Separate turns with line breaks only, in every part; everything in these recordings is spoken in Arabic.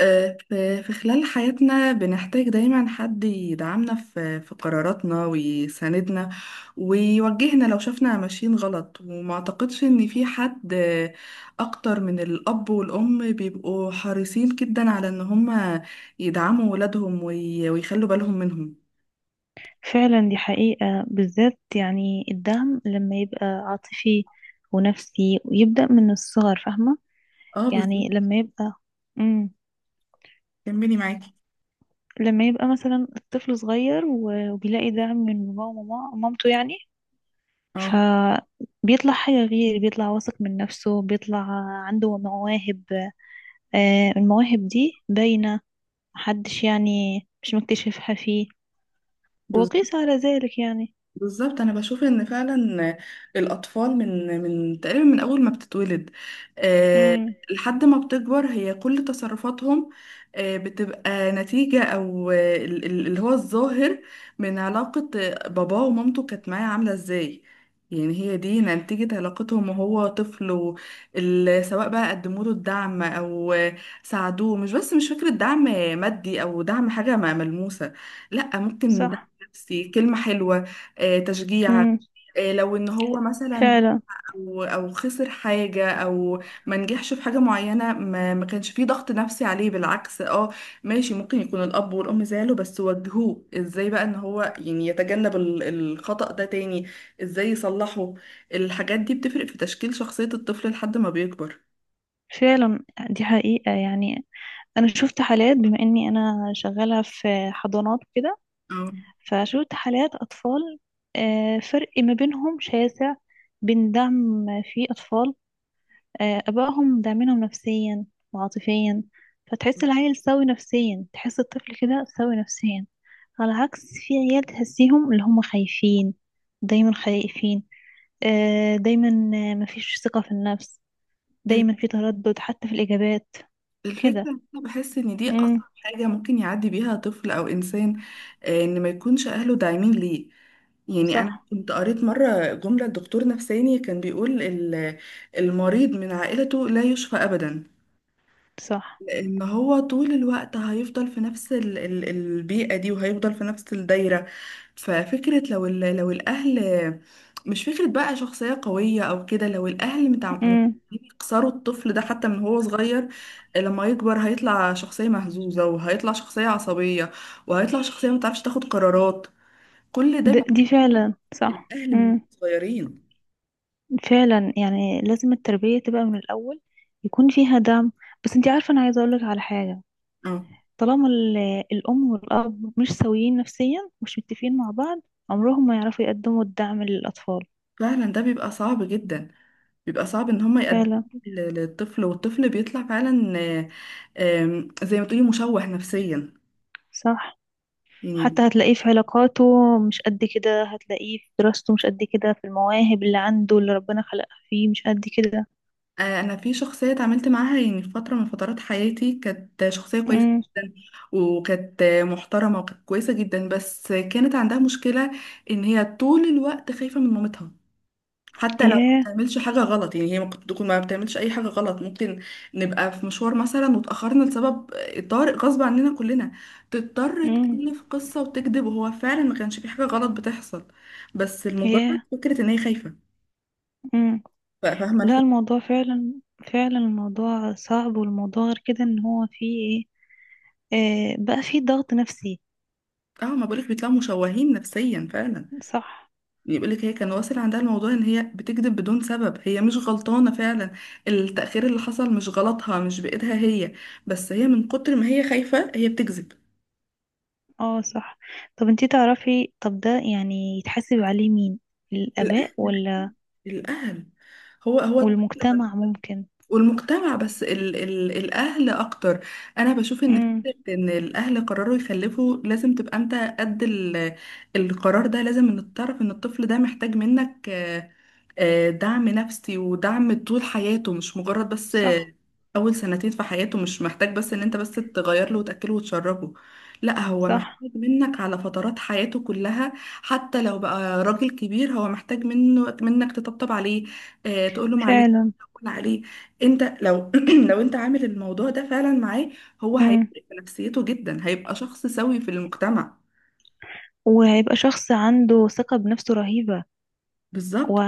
في خلال حياتنا بنحتاج دايما حد يدعمنا في قراراتنا ويساندنا ويوجهنا لو شفنا ماشيين غلط، وما اعتقدش ان في حد اكتر من الاب والام بيبقوا حريصين جدا على ان هم يدعموا ولادهم ويخلوا بالهم منهم.
فعلا، دي حقيقة، بالذات يعني الدعم لما يبقى عاطفي ونفسي ويبدأ من الصغر، فاهمة.
اه،
يعني
بالظبط.
لما يبقى. مم.
كملي معاكي.
لما يبقى مثلا الطفل صغير وبيلاقي دعم من باباه ومامته يعني.
اه،
فبيطلع حاجة غير، بيطلع واثق من نفسه، بيطلع عنده مواهب. المواهب دي باينة، محدش يعني مش مكتشفها فيه.
بالظبط،
وقيس على ذلك يعني.
بالظبط. انا بشوف ان فعلا الاطفال من تقريبا من اول ما بتتولد آه،
مم.
لحد ما بتكبر، هي كل تصرفاتهم بتبقى نتيجة، او اللي هو الظاهر من علاقة باباه ومامته كانت معاه عاملة ازاي. يعني هي دي نتيجة علاقتهم وهو طفل، سواء بقى قدموا له الدعم او ساعدوه. مش بس مش فكرة دعم مادي او دعم حاجة ملموسة، لا، ممكن دعم
صح.
نفسي، كلمة حلوة، تشجيع،
مم.
لو ان هو مثلا
فعلا.
او خسر حاجه، او ما نجحش في حاجه معينه، ما كانش فيه ضغط نفسي عليه، بالعكس. اه، ماشي، ممكن يكون الاب والام زعلوا، بس وجهوه ازاي بقى ان هو يعني يتجنب الخطأ ده تاني، ازاي يصلحه. الحاجات دي بتفرق في تشكيل شخصيه الطفل لحد ما بيكبر.
فعلا دي حقيقة يعني، أنا شفت حالات بما إني أنا شغالة في حضانات وكده.
اه.
فشفت حالات أطفال، فرق ما بينهم شاسع، بين دعم، في أطفال آبائهم داعمينهم نفسيا وعاطفيا. فتحس العيل سوي نفسيا، تحس الطفل كده سوي نفسيا. على عكس في عيال تحسيهم اللي هم خايفين، دايما خايفين، دايما، مفيش ثقة في النفس،
ال-
دايما في تردد حتى في الإجابات
الفكرة
كده.
إن أنا بحس إن دي
امم.
أصعب حاجة ممكن يعدي بيها طفل أو إنسان، إن ما يكونش أهله داعمين ليه. يعني أنا
صح.
كنت قريت مرة جملة لدكتور نفساني كان بيقول المريض من عائلته لا يشفى أبدا،
صح،
لأن هو طول الوقت هيفضل في نفس البيئة دي وهيفضل في نفس الدايرة. ففكرة لو لو الأهل، مش فكرة بقى شخصية قوية أو كده، لو الأهل متعودين
امم.
يكسروا الطفل ده حتى من هو صغير، لما يكبر هيطلع شخصية مهزوزة، وهيطلع شخصية عصبية، وهيطلع شخصية متعرفش تاخد قرارات. كل ده بيبقى
دي فعلا صح،
الأهل من
امم.
صغيرين.
فعلا يعني لازم التربية تبقى من الأول، يكون فيها دعم. بس انتي عارفة، أنا عايزة أقولك على حاجة.
اه،
طالما الأم والأب مش سويين نفسيا، مش متفقين مع بعض، عمرهم ما يعرفوا يقدموا الدعم للأطفال.
فعلا ده بيبقى صعب جدا، بيبقى صعب ان هم يقدموه
فعلا.
للطفل، والطفل بيطلع فعلا آه، آم، زي ما تقولي مشوه نفسيا.
صح.
يعني
حتى هتلاقيه في علاقاته، مش قد كده، هتلاقيه في دراسته مش قد كده، في المواهب اللي عنده اللي ربنا خلقها فيه مش قد كده.
انا في شخصيه اتعاملت معاها، يعني في فتره من فترات حياتي، كانت شخصيه كويسه
امم.
جدا وكانت محترمه وكانت كويسه جدا، بس كانت عندها مشكله ان هي طول الوقت خايفه من مامتها حتى لو ما
ياه.
بتعملش حاجة غلط. يعني هي ممكن تكون ما بتعملش أي حاجة غلط، ممكن نبقى في مشوار مثلا وتأخرنا لسبب طارئ غصب عننا كلنا، تضطر
امم.
تألف قصة وتكذب وهو فعلا ما كانش في حاجة غلط بتحصل، بس المجرد
ياه.
فكرة إن هي خايفة.
امم.
فاهمة
لا،
الفكرة.
الموضوع فعلا. فعلا الموضوع صعب، والموضوع غير كده، ان هو فيه ايه، بقى فيه ضغط نفسي.
اه، ما بقولك بيطلعوا مشوهين نفسيا فعلا.
صح.
يقولك هي كان واصل عندها الموضوع ان هي بتكذب بدون سبب، هي مش غلطانة فعلا، التأخير اللي حصل مش غلطها، مش بإيدها هي، بس هي من كتر ما هي خايفة هي بتكذب.
اه، صح. طب انتي تعرفي، طب ده يعني يتحاسب عليه مين، الآباء ولا
الأهل. هو هو الطفل.
والمجتمع ممكن؟
والمجتمع، بس ال ال الأهل أكتر. أنا بشوف إن
امم.
فكرة إن الأهل قرروا يخلفوا لازم تبقى أنت قد القرار ده، لازم إن تعرف إن الطفل ده محتاج منك دعم نفسي ودعم طول حياته، مش مجرد بس
صح.
أول سنتين في حياته، مش محتاج بس إن أنت بس تغير له وتأكله وتشربه، لا، هو
صح
محتاج منك على فترات حياته كلها. حتى لو بقى راجل كبير هو محتاج منك تطبطب عليه، تقول له معلش،
فعلا.
تقول عليه. أنت لو لو أنت عامل الموضوع ده فعلا معاه، هو
امم.
هيفرق في نفسيته جدا، هيبقى شخص سوي في المجتمع.
وهيبقى شخص عنده ثقة بنفسه رهيبة و...
بالظبط.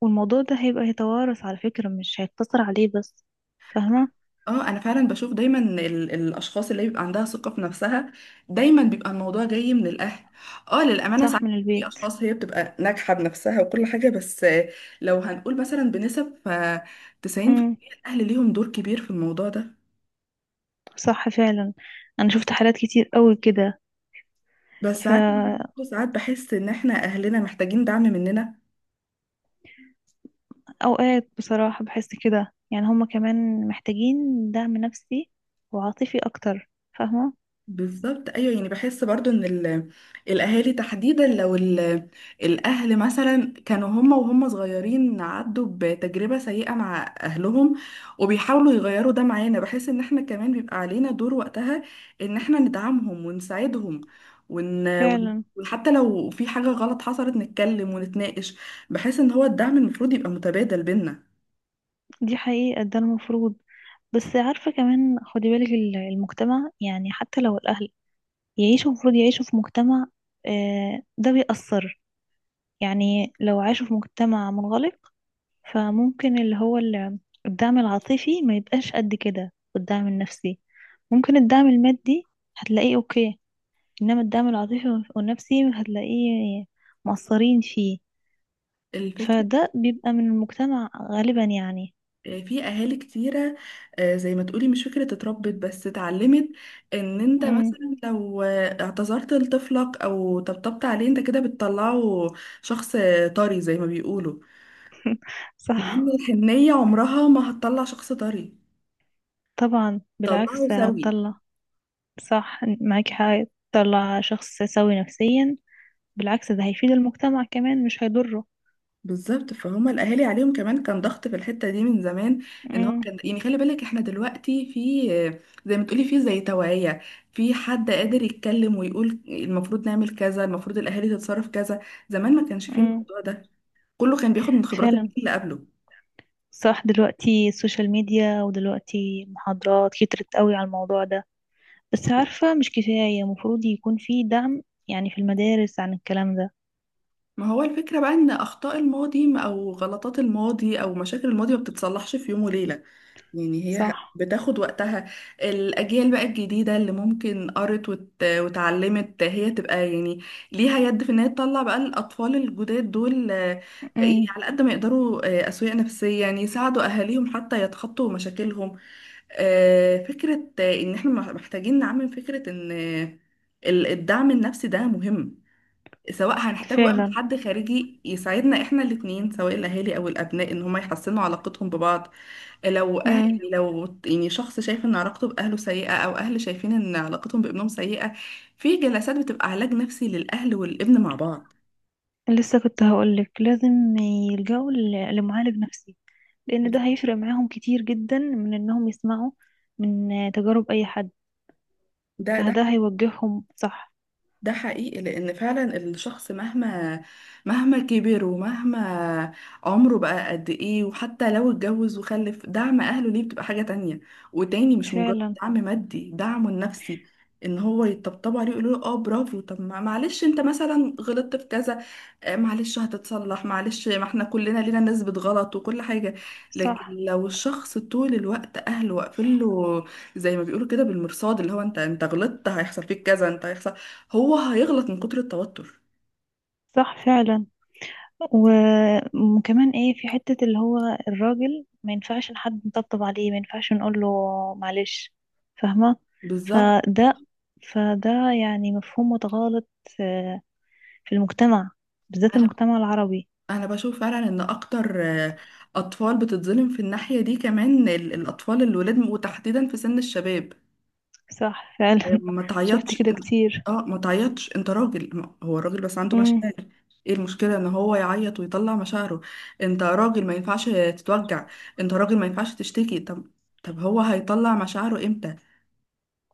والموضوع ده هيبقى يتوارث على فكرة، مش هيقتصر عليه بس، فاهمة.
اه، انا فعلا بشوف دايما الاشخاص اللي بيبقى عندها ثقه في نفسها، دايما بيبقى الموضوع جاي من الاهل. اه، للامانه ساعات
صح، من
في
البيت.
اشخاص هي بتبقى ناجحه بنفسها وكل حاجه، بس لو هنقول مثلا بنسب، ف
امم.
90% الاهل ليهم دور كبير في الموضوع ده.
صح فعلا، انا شفت حالات كتير قوي كده.
بس ساعات
فاوقات.
ساعات بحس ان احنا اهلنا محتاجين دعم مننا.
بصراحة بحس كده، يعني هما كمان محتاجين دعم نفسي وعاطفي اكتر، فاهمة.
بالظبط، ايوه، يعني بحس برضو ان الاهالي تحديدا، لو الاهل مثلا كانوا هم وهم صغيرين عدوا بتجربه سيئه مع اهلهم وبيحاولوا يغيروا ده معانا، بحس ان احنا كمان بيبقى علينا دور وقتها ان احنا ندعمهم ونساعدهم،
فعلا
وحتى لو في حاجه غلط حصلت نتكلم ونتناقش. بحس ان هو الدعم المفروض يبقى متبادل بينا.
دي حقيقة، ده المفروض. بس عارفة كمان خدي بالك، المجتمع يعني، حتى لو الاهل يعيشوا، المفروض يعيشوا في مجتمع، ده بيأثر. يعني لو عاشوا في مجتمع منغلق، فممكن اللي هو الدعم العاطفي ما يبقاش قد كده، والدعم النفسي. ممكن الدعم المادي هتلاقيه اوكي، انما الدعم العاطفي والنفسي هتلاقيه مقصرين فيه.
الفكره،
فده بيبقى من المجتمع غالبا يعني.
في اهالي كتيره، زي ما تقولي مش فكره اتربت بس اتعلمت، ان انت
امم.
مثلا لو اعتذرت لطفلك او طبطبت عليه انت كده بتطلعه شخص طري زي ما بيقولوا. مع ان
صح.
الحنيه عمرها ما هتطلع شخص طري،
طبعا،
طلعه
بالعكس
سوي.
هتطلع. صح، معاكي حق، تطلع شخص سوي نفسيا، بالعكس ده هيفيد المجتمع كمان مش هيضره.
بالظبط، فهم الاهالي عليهم كمان كان ضغط في الحته دي من زمان، ان هو
امم.
كان يعني خلي بالك احنا دلوقتي في زي ما تقولي في زي توعيه، في حد قادر يتكلم ويقول المفروض نعمل كذا، المفروض الاهالي تتصرف كذا. زمان ما كانش فيه
امم.
الموضوع ده، كله كان بياخد من خبرات
فعلا
الجيل اللي قبله.
صح، دلوقتي السوشيال ميديا، ودلوقتي محاضرات كترت قوي على الموضوع ده. بس عارفة مش كفاية، المفروض يكون في دعم يعني في المدارس عن الكلام ده.
ما هو الفكره بقى ان اخطاء الماضي او غلطات الماضي او مشاكل الماضي ما بتتصلحش في يوم وليله، يعني هي
صح.
بتاخد وقتها. الأجيال بقى الجديدة اللي ممكن قرت وتعلمت، هي تبقى يعني ليها يد في إن هي تطلع بقى الأطفال الجداد دول، يعني
امم.
على قد ما يقدروا أسوية نفسية، يعني يساعدوا أهاليهم حتى يتخطوا مشاكلهم. فكرة إن إحنا محتاجين نعمم فكرة إن الدعم النفسي ده مهم، سواء هنحتاج بقى من
فعلا.
حد خارجي يساعدنا احنا الاتنين، سواء الاهالي او الابناء، ان هما يحسنوا علاقتهم ببعض. لو أهل،
امم.
يعني لو يعني شخص شايف ان علاقته باهله سيئه، او اهل شايفين ان علاقتهم بابنهم سيئه، في جلسات بتبقى علاج نفسي للاهل والابن مع بعض.
لسه كنت هقولك لازم يلجأوا لمعالج نفسي، لأن ده هيفرق معاهم كتير جدا من إنهم يسمعوا من تجارب أي حد،
ده ده
فده هيوجههم صح.
ده حقيقي، لأن فعلا الشخص مهما كبر ومهما عمره بقى قد إيه، وحتى لو اتجوز وخلف، دعم أهله ليه بتبقى حاجة تانية وتاني، مش مجرد
فعلا.
دعم مادي، دعمه النفسي، إن هو يطبطبوا عليه ويقولوا له اه برافو، طب معلش انت مثلا غلطت في كذا، معلش هتتصلح، معلش، ما احنا كلنا لينا نسبة غلط وكل حاجة. لكن
صح.
لو الشخص طول الوقت أهله واقفين له زي ما بيقولوا كده بالمرصاد، اللي هو انت غلطت هيحصل فيك كذا، انت هيحصل، هو هيغلط من كتر التوتر.
صح فعلا، و- وكمان ايه، في حتة اللي هو الراجل ما ينفعش حد نطبطب عليه، ما ينفعش نقول له معلش، فاهمة.
بالظبط.
فده فده يعني مفهوم متغالط آه، في المجتمع، بالذات
انا
المجتمع العربي.
انا بشوف فعلا ان اكتر اطفال بتتظلم في الناحيه دي، كمان الاطفال الولاد، وتحديدا في سن الشباب.
صح فعلا
ما
شفت
تعيطش.
كده كتير.
اه، ما تعيطش، انت راجل، هو الراجل بس عنده
مم.
مشاعر. ايه المشكله ان هو يعيط ويطلع مشاعره؟ انت راجل ما ينفعش تتوجع، انت راجل ما ينفعش تشتكي. طب، طب هو هيطلع مشاعره امتى؟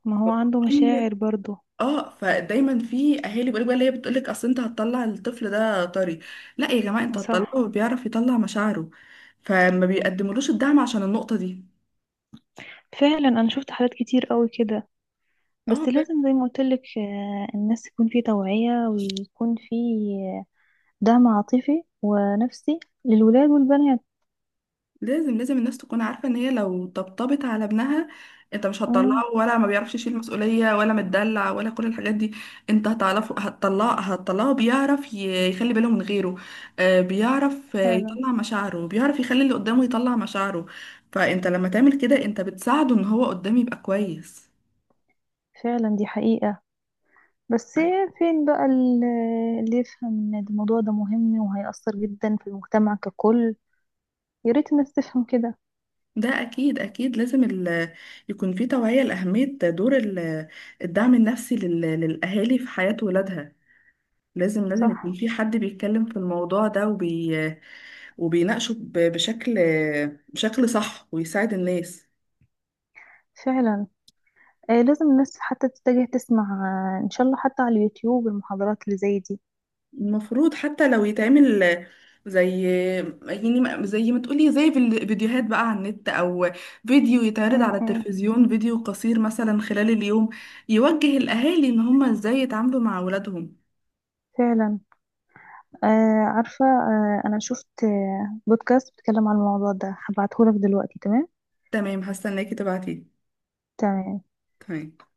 ما هو عنده مشاعر برضو.
اه، فدايما في اهالي بيقولوا بقى، اللي هي بتقولك اصل انت هتطلع الطفل ده طري. لا يا جماعه، انت
صح
هتطلعه بيعرف يطلع مشاعره، فما بيقدملوش الدعم عشان النقطه دي.
فعلا، انا شفت حالات كتير قوي كده، بس
اه،
لازم زي ما قلت لك، الناس يكون في توعية، ويكون في دعم عاطفي ونفسي للولاد والبنات.
لازم لازم الناس تكون عارفة ان هي لو طبطبت على ابنها انت مش هتطلعه
امم.
ولا ما بيعرفش يشيل مسؤولية ولا متدلع ولا كل الحاجات دي، انت هتعرفه، هتطلعه بيعرف يخلي باله من غيره، بيعرف
فعلا.
يطلع مشاعره، بيعرف يخلي اللي قدامه يطلع مشاعره. فانت لما تعمل كده انت بتساعده ان هو قدامه يبقى كويس.
فعلا دي حقيقة، بس فين بقى اللي يفهم ان الموضوع ده مهم وهيأثر جدا في المجتمع ككل، يا ريت الناس تفهم كده.
ده اكيد اكيد لازم يكون في توعية لأهمية دور الدعم النفسي للأهالي في حياة ولادها. لازم لازم يكون
صح.
في حد بيتكلم في الموضوع ده وبيناقشه بشكل صح، ويساعد الناس.
فعلا. لازم الناس حتى تتجه تسمع، ان شاء الله حتى على اليوتيوب المحاضرات اللي زي دي.
المفروض حتى لو يتعمل زي، يعني زي ما تقولي زي فيديوهات بقى على النت، او فيديو يتعرض على
امم.
التلفزيون، فيديو قصير مثلا خلال اليوم، يوجه الاهالي ان هم ازاي يتعاملوا مع اولادهم.
فعلا. آه عارفة، أنا شفت بودكاست بيتكلم عن الموضوع ده، هبعتهولك دلوقتي، تمام.
تمام، حاسه انك تبعتي.
تمام.
تمام.